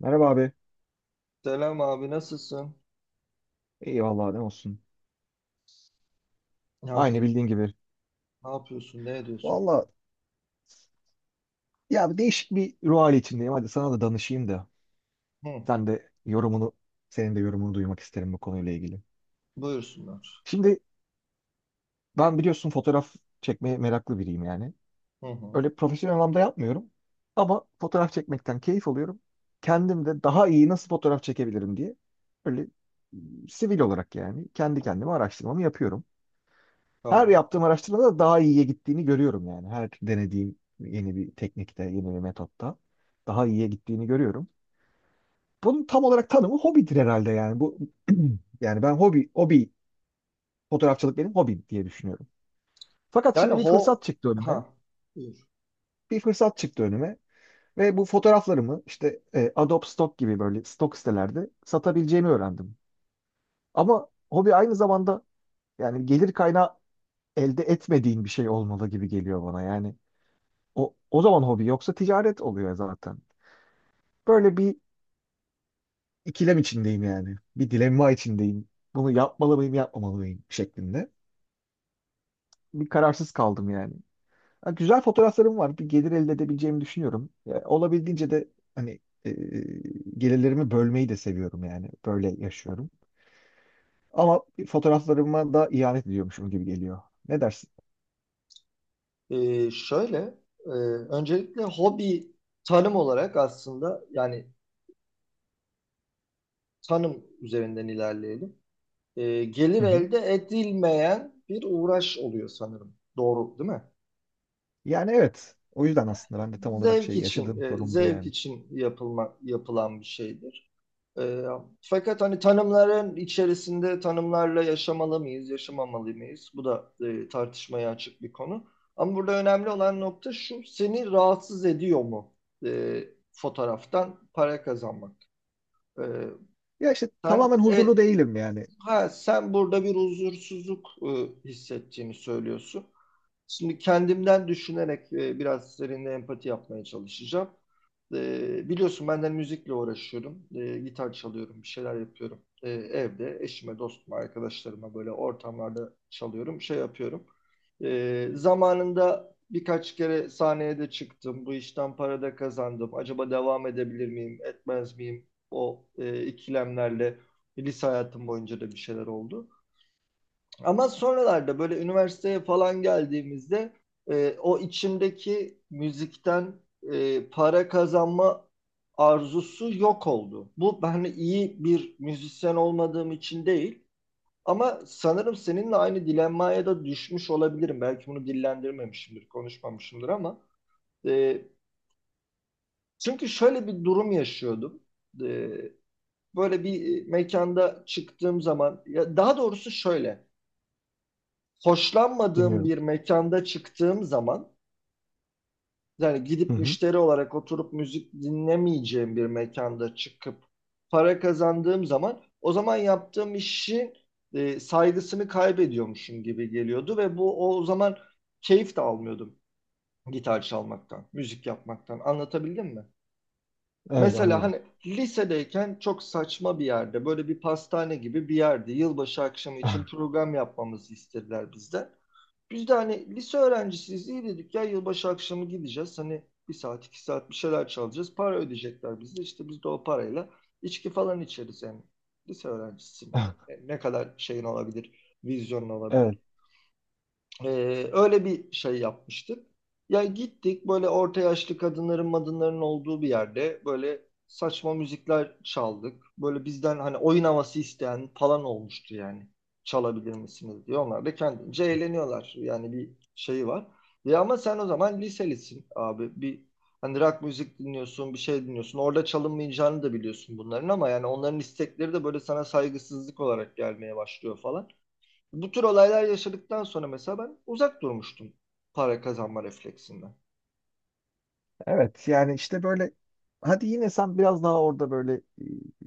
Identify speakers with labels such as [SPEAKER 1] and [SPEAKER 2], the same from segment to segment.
[SPEAKER 1] Merhaba abi.
[SPEAKER 2] Selam abi, nasılsın?
[SPEAKER 1] İyi vallahi ne olsun.
[SPEAKER 2] Ne
[SPEAKER 1] Aynı bildiğin
[SPEAKER 2] yapıyorsun?
[SPEAKER 1] gibi.
[SPEAKER 2] Ne? Ne ediyorsun?
[SPEAKER 1] Vallahi ya bir değişik bir ruh hali içindeyim. Hadi sana da danışayım da.
[SPEAKER 2] Hı,
[SPEAKER 1] Sen de yorumunu, Senin de yorumunu duymak isterim bu konuyla ilgili.
[SPEAKER 2] buyursunlar.
[SPEAKER 1] Şimdi ben biliyorsun fotoğraf çekmeye meraklı biriyim yani.
[SPEAKER 2] Hı hı,
[SPEAKER 1] Öyle profesyonel anlamda yapmıyorum. Ama fotoğraf çekmekten keyif alıyorum. Kendim de daha iyi nasıl fotoğraf çekebilirim diye. Böyle sivil olarak yani kendi kendime araştırmamı yapıyorum. Her
[SPEAKER 2] tamam.
[SPEAKER 1] yaptığım araştırmada daha iyiye gittiğini görüyorum yani. Her denediğim yeni bir teknikte, yeni bir metotta daha iyiye gittiğini görüyorum. Bunun tam olarak tanımı hobidir herhalde yani. Bu yani ben hobi hobi fotoğrafçılık benim hobim diye düşünüyorum. Fakat
[SPEAKER 2] Yani
[SPEAKER 1] şimdi bir fırsat
[SPEAKER 2] ho
[SPEAKER 1] çıktı önüme.
[SPEAKER 2] ha buyur.
[SPEAKER 1] Bir fırsat çıktı önüme ve bu fotoğraflarımı işte Adobe Stock gibi böyle stok sitelerde satabileceğimi öğrendim. Ama hobi aynı zamanda yani gelir kaynağı elde etmediğin bir şey olmalı gibi geliyor bana. Yani O zaman hobi yoksa ticaret oluyor zaten. Böyle bir ikilem içindeyim yani. Bir dilemma içindeyim. Bunu yapmalı mıyım, yapmamalı mıyım şeklinde. Bir kararsız kaldım yani. Ha, güzel fotoğraflarım var. Bir gelir elde edebileceğimi düşünüyorum. Ya, olabildiğince de hani e, gelirlerimi bölmeyi de seviyorum yani. Böyle yaşıyorum. Ama fotoğraflarıma da ihanet ediyormuşum gibi geliyor. Ne dersin?
[SPEAKER 2] Ee, şöyle e, Öncelikle hobi, tanım olarak, aslında yani tanım üzerinden ilerleyelim. Gelir
[SPEAKER 1] Hı hı.
[SPEAKER 2] elde edilmeyen bir uğraş oluyor sanırım. Doğru değil mi?
[SPEAKER 1] Yani evet. O yüzden aslında ben de tam olarak
[SPEAKER 2] Zevk
[SPEAKER 1] şey
[SPEAKER 2] için,
[SPEAKER 1] yaşadığım sorun bu
[SPEAKER 2] zevk
[SPEAKER 1] yani.
[SPEAKER 2] için yapılan bir şeydir. E, Fakat hani tanımların içerisinde tanımlarla yaşamalı mıyız, yaşamamalı mıyız? Bu da tartışmaya açık bir konu. Ama burada önemli olan nokta şu: seni rahatsız ediyor mu e, fotoğraftan para kazanmak? E,
[SPEAKER 1] Ya işte
[SPEAKER 2] sen
[SPEAKER 1] tamamen
[SPEAKER 2] e,
[SPEAKER 1] huzurlu değilim yani.
[SPEAKER 2] ha, Sen burada bir huzursuzluk hissettiğini söylüyorsun. Şimdi kendimden düşünerek biraz seninle empati yapmaya çalışacağım. Biliyorsun ben de hani müzikle uğraşıyorum. Gitar çalıyorum, bir şeyler yapıyorum. Evde eşime, dostuma, arkadaşlarıma böyle ortamlarda çalıyorum, şey yapıyorum. Zamanında birkaç kere sahneye de çıktım. Bu işten para da kazandım. Acaba devam edebilir miyim, etmez miyim? O ikilemlerle lise hayatım boyunca da bir şeyler oldu. Ama sonralarda böyle üniversiteye falan geldiğimizde o içimdeki müzikten para kazanma arzusu yok oldu. Bu, ben iyi bir müzisyen olmadığım için değil, ama sanırım seninle aynı dilenmaya da düşmüş olabilirim. Belki bunu dillendirmemişimdir, konuşmamışımdır, e, çünkü şöyle bir durum yaşıyordum. E, Böyle bir mekanda çıktığım zaman, ya daha doğrusu şöyle, hoşlanmadığım
[SPEAKER 1] Dinliyorum.
[SPEAKER 2] bir mekanda çıktığım zaman, yani
[SPEAKER 1] Hı
[SPEAKER 2] gidip
[SPEAKER 1] hı.
[SPEAKER 2] müşteri olarak oturup müzik dinlemeyeceğim bir mekanda çıkıp para kazandığım zaman, o zaman yaptığım işin saygısını kaybediyormuşum gibi geliyordu ve bu, o zaman keyif de almıyordum gitar çalmaktan, müzik yapmaktan. Anlatabildim mi?
[SPEAKER 1] Evet
[SPEAKER 2] Mesela
[SPEAKER 1] anlıyorum.
[SPEAKER 2] hani lisedeyken çok saçma bir yerde, böyle bir pastane gibi bir yerde, yılbaşı akşamı için program yapmamızı istediler bizden. Biz de hani lise öğrencisiyiz, iyi dedik ya, yılbaşı akşamı gideceğiz. Hani bir saat iki saat bir şeyler çalacağız. Para ödeyecekler bize. İşte biz de o parayla içki falan içeriz yani. Lise öğrencisi ne kadar şeyin olabilir, vizyonun
[SPEAKER 1] Evet.
[SPEAKER 2] olabilir. Öyle bir şey yapmıştık. Ya gittik böyle orta yaşlı kadınların madınların olduğu bir yerde, böyle saçma müzikler çaldık. Böyle bizden hani oyun havası isteyen falan olmuştu yani. Çalabilir misiniz diye. Onlar da kendince eğleniyorlar. Yani bir şeyi var. Ya ama sen o zaman liselisin abi. Bir hani rock müzik dinliyorsun, bir şey dinliyorsun. Orada çalınmayacağını da biliyorsun bunların, ama yani onların istekleri de böyle sana saygısızlık olarak gelmeye başlıyor falan. Bu tür olaylar yaşadıktan sonra mesela ben uzak durmuştum para kazanma refleksinden.
[SPEAKER 1] Evet yani işte böyle hadi yine sen biraz daha orada böyle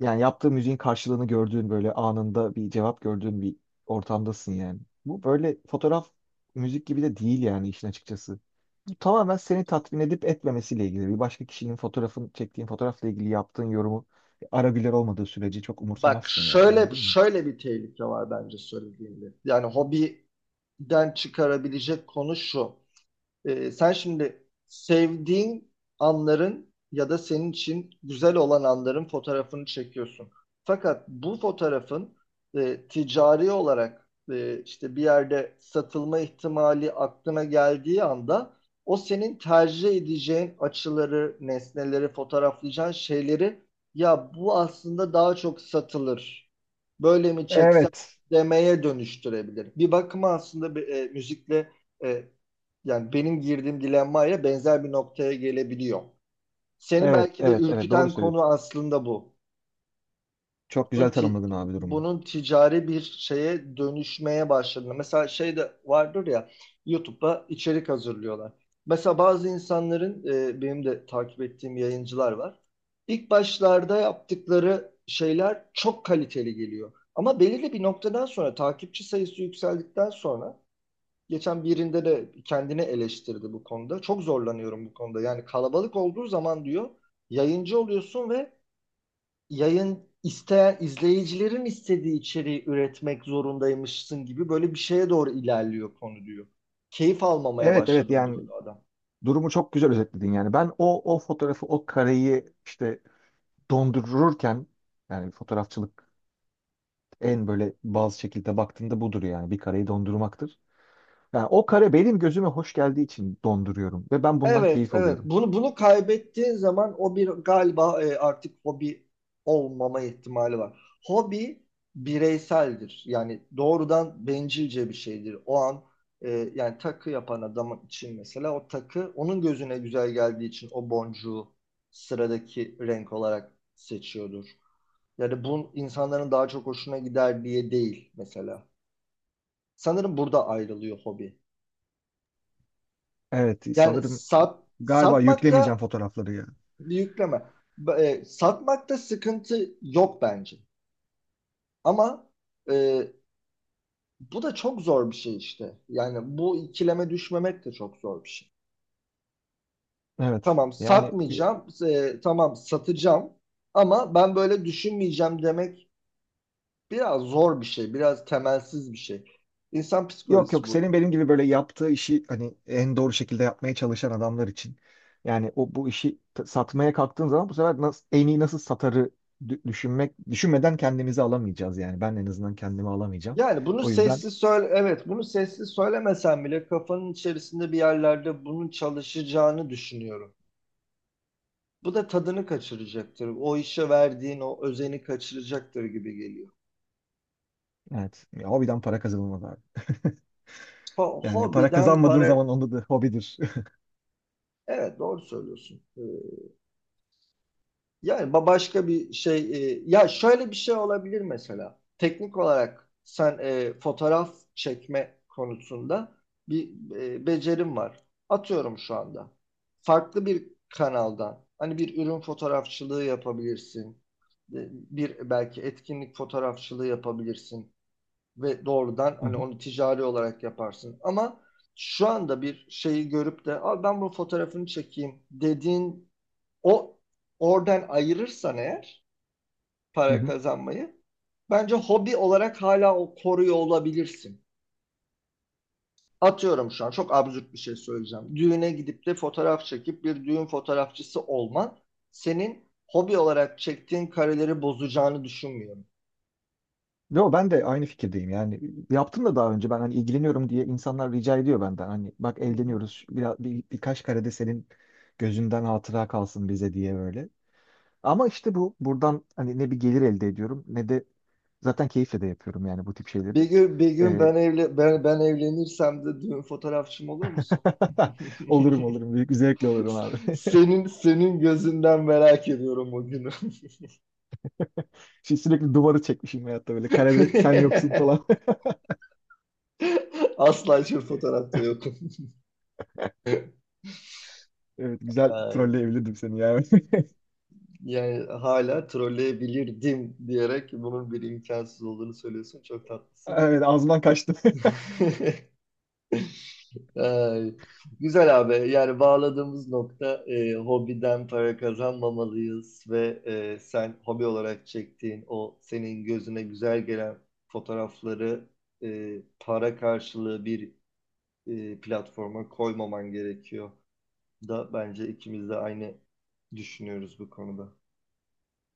[SPEAKER 1] yani yaptığı müziğin karşılığını gördüğün böyle anında bir cevap gördüğün bir ortamdasın yani. Bu böyle fotoğraf müzik gibi de değil yani işin açıkçası. Bu tamamen seni tatmin edip etmemesiyle ilgili. Bir başka kişinin fotoğrafın çektiğin fotoğrafla ilgili yaptığın yorumu ara güler olmadığı sürece çok
[SPEAKER 2] Bak
[SPEAKER 1] umursamazsın yani
[SPEAKER 2] şöyle,
[SPEAKER 1] anladın mı?
[SPEAKER 2] bir tehlike var bence söylediğimde. Yani hobiden çıkarabilecek konu şu. Sen şimdi sevdiğin anların ya da senin için güzel olan anların fotoğrafını çekiyorsun. Fakat bu fotoğrafın ticari olarak, işte bir yerde satılma ihtimali aklına geldiği anda, o senin tercih edeceğin açıları, nesneleri, fotoğraflayacağın şeyleri, ya bu aslında daha çok satılır, böyle mi çeksem
[SPEAKER 1] Evet.
[SPEAKER 2] demeye dönüştürebilir. Bir bakıma aslında müzikle e, yani benim girdiğim dilemmaya benzer bir noktaya gelebiliyor. Seni
[SPEAKER 1] Evet,
[SPEAKER 2] belki de
[SPEAKER 1] evet, evet doğru
[SPEAKER 2] ürküten
[SPEAKER 1] söylüyorsun.
[SPEAKER 2] konu aslında bu.
[SPEAKER 1] Çok
[SPEAKER 2] Bunun,
[SPEAKER 1] güzel
[SPEAKER 2] ti-
[SPEAKER 1] tanımladın abi durumu.
[SPEAKER 2] Bunun ticari bir şeye dönüşmeye başladığında. Mesela şey de vardır ya, YouTube'da içerik hazırlıyorlar. Mesela bazı insanların, benim de takip ettiğim yayıncılar var. İlk başlarda yaptıkları şeyler çok kaliteli geliyor. Ama belirli bir noktadan sonra, takipçi sayısı yükseldikten sonra, geçen birinde de kendini eleştirdi bu konuda. Çok zorlanıyorum bu konuda. Yani kalabalık olduğu zaman, diyor, yayıncı oluyorsun ve yayın isteyen izleyicilerin istediği içeriği üretmek zorundaymışsın gibi, böyle bir şeye doğru ilerliyor konu, diyor. Keyif almamaya
[SPEAKER 1] Evet, evet
[SPEAKER 2] başladım diyordu
[SPEAKER 1] yani
[SPEAKER 2] adam.
[SPEAKER 1] durumu çok güzel özetledin yani. Ben o fotoğrafı, o kareyi işte dondururken yani fotoğrafçılık en böyle bazı şekilde baktığında budur yani bir kareyi dondurmaktır. Yani o kare benim gözüme hoş geldiği için donduruyorum ve ben bundan
[SPEAKER 2] Evet,
[SPEAKER 1] keyif
[SPEAKER 2] evet.
[SPEAKER 1] alıyorum.
[SPEAKER 2] Bunu kaybettiğin zaman, o bir galiba artık hobi olmama ihtimali var. Hobi bireyseldir. Yani doğrudan bencilce bir şeydir. O an e, yani takı yapan adam için mesela, o takı onun gözüne güzel geldiği için o boncuğu sıradaki renk olarak seçiyordur. Yani bu insanların daha çok hoşuna gider diye değil mesela. Sanırım burada ayrılıyor hobi.
[SPEAKER 1] Evet
[SPEAKER 2] Yani
[SPEAKER 1] sanırım
[SPEAKER 2] sat
[SPEAKER 1] galiba yüklemeyeceğim
[SPEAKER 2] Satmakta
[SPEAKER 1] fotoğrafları ya.
[SPEAKER 2] bir yükleme. Satmakta sıkıntı yok bence. Ama e, Bu da çok zor bir şey işte. Yani bu ikileme düşmemek de çok zor bir şey.
[SPEAKER 1] Evet
[SPEAKER 2] Tamam
[SPEAKER 1] yani
[SPEAKER 2] satmayacağım, tamam satacağım, ama ben böyle düşünmeyeceğim demek biraz zor bir şey, biraz temelsiz bir şey. İnsan
[SPEAKER 1] yok
[SPEAKER 2] psikolojisi
[SPEAKER 1] yok
[SPEAKER 2] bu.
[SPEAKER 1] senin benim gibi böyle yaptığı işi hani en doğru şekilde yapmaya çalışan adamlar için. Yani o bu işi satmaya kalktığın zaman bu sefer nasıl, en iyi nasıl satarı dü- düşünmek düşünmeden kendimizi alamayacağız yani. Ben en azından kendimi alamayacağım.
[SPEAKER 2] Yani bunu
[SPEAKER 1] O yüzden
[SPEAKER 2] sesli söyle, evet, bunu sesli söylemesen bile kafanın içerisinde bir yerlerde bunun çalışacağını düşünüyorum. Bu da tadını kaçıracaktır. O işe verdiğin o özeni kaçıracaktır gibi geliyor.
[SPEAKER 1] evet ya, hobiden para kazanılmaz abi. Yani para
[SPEAKER 2] Hobiden
[SPEAKER 1] kazanmadığın
[SPEAKER 2] para...
[SPEAKER 1] zaman onda da hobidir.
[SPEAKER 2] Evet, doğru söylüyorsun. Başka bir şey... Ya şöyle bir şey olabilir mesela. Teknik olarak sen fotoğraf çekme konusunda bir becerim var. Atıyorum şu anda. Farklı bir kanaldan. Hani bir ürün fotoğrafçılığı yapabilirsin. Bir belki etkinlik fotoğrafçılığı yapabilirsin ve doğrudan
[SPEAKER 1] Hı
[SPEAKER 2] hani
[SPEAKER 1] hı.
[SPEAKER 2] onu ticari olarak yaparsın. Ama şu anda bir şeyi görüp de al ben bu fotoğrafını çekeyim dediğin o oradan ayırırsan eğer
[SPEAKER 1] Hı
[SPEAKER 2] para
[SPEAKER 1] hı.
[SPEAKER 2] kazanmayı, bence hobi olarak hala o koruyor olabilirsin. Atıyorum, şu an çok absürt bir şey söyleyeceğim. Düğüne gidip de fotoğraf çekip bir düğün fotoğrafçısı olman, senin hobi olarak çektiğin kareleri bozacağını düşünmüyorum.
[SPEAKER 1] Yo ben de aynı fikirdeyim yani yaptım da daha önce ben hani ilgileniyorum diye insanlar rica ediyor benden hani bak
[SPEAKER 2] Hı hı.
[SPEAKER 1] evleniyoruz birkaç karede senin gözünden hatıra kalsın bize diye böyle. Ama işte bu buradan hani ne bir gelir elde ediyorum ne de zaten keyifle de yapıyorum yani bu tip şeyleri.
[SPEAKER 2] Bir gün
[SPEAKER 1] Ee,
[SPEAKER 2] ben evle ben evlenirsem de düğün fotoğrafçım olur musun?
[SPEAKER 1] olurum, büyük bir zevkle olurum abi.
[SPEAKER 2] Senin gözünden merak ediyorum o günü.
[SPEAKER 1] Şimdi sürekli duvarı çekmişim hayatta böyle karede sen yoksun falan.
[SPEAKER 2] Asla hiçbir fotoğrafta yokum.
[SPEAKER 1] Evet güzel
[SPEAKER 2] Ay,
[SPEAKER 1] trolleyebilirdim seni yani.
[SPEAKER 2] yani hala trolleyebilirdim diyerek bunun bir imkansız olduğunu söylüyorsun. Çok tatlısın.
[SPEAKER 1] Evet ağzımdan kaçtı.
[SPEAKER 2] Ay, güzel abi. Yani bağladığımız nokta, hobiden para kazanmamalıyız ve sen hobi olarak çektiğin o senin gözüne güzel gelen fotoğrafları para karşılığı bir platforma koymaman gerekiyor da, bence ikimiz de aynı düşünüyoruz bu konuda.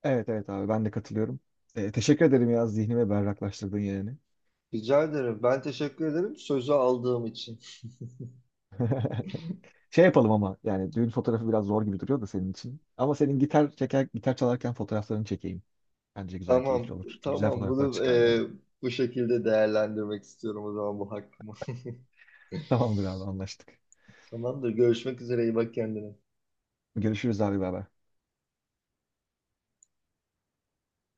[SPEAKER 1] Evet evet abi ben de katılıyorum. Teşekkür ederim ya zihnimi berraklaştırdın yani.
[SPEAKER 2] Rica ederim. Ben teşekkür ederim sözü aldığım için.
[SPEAKER 1] Şey yapalım ama yani düğün fotoğrafı biraz zor gibi duruyor da senin için. Ama gitar çeker, gitar çalarken fotoğraflarını çekeyim. Bence güzel, keyifli
[SPEAKER 2] Tamam,
[SPEAKER 1] olur. Güzel
[SPEAKER 2] tamam.
[SPEAKER 1] fotoğraflar
[SPEAKER 2] Bunu
[SPEAKER 1] çıkar yani.
[SPEAKER 2] bu şekilde değerlendirmek istiyorum o zaman, bu hakkımı.
[SPEAKER 1] Tamamdır abi anlaştık.
[SPEAKER 2] Tamamdır. Görüşmek üzere. İyi bak kendine.
[SPEAKER 1] Görüşürüz abi beraber.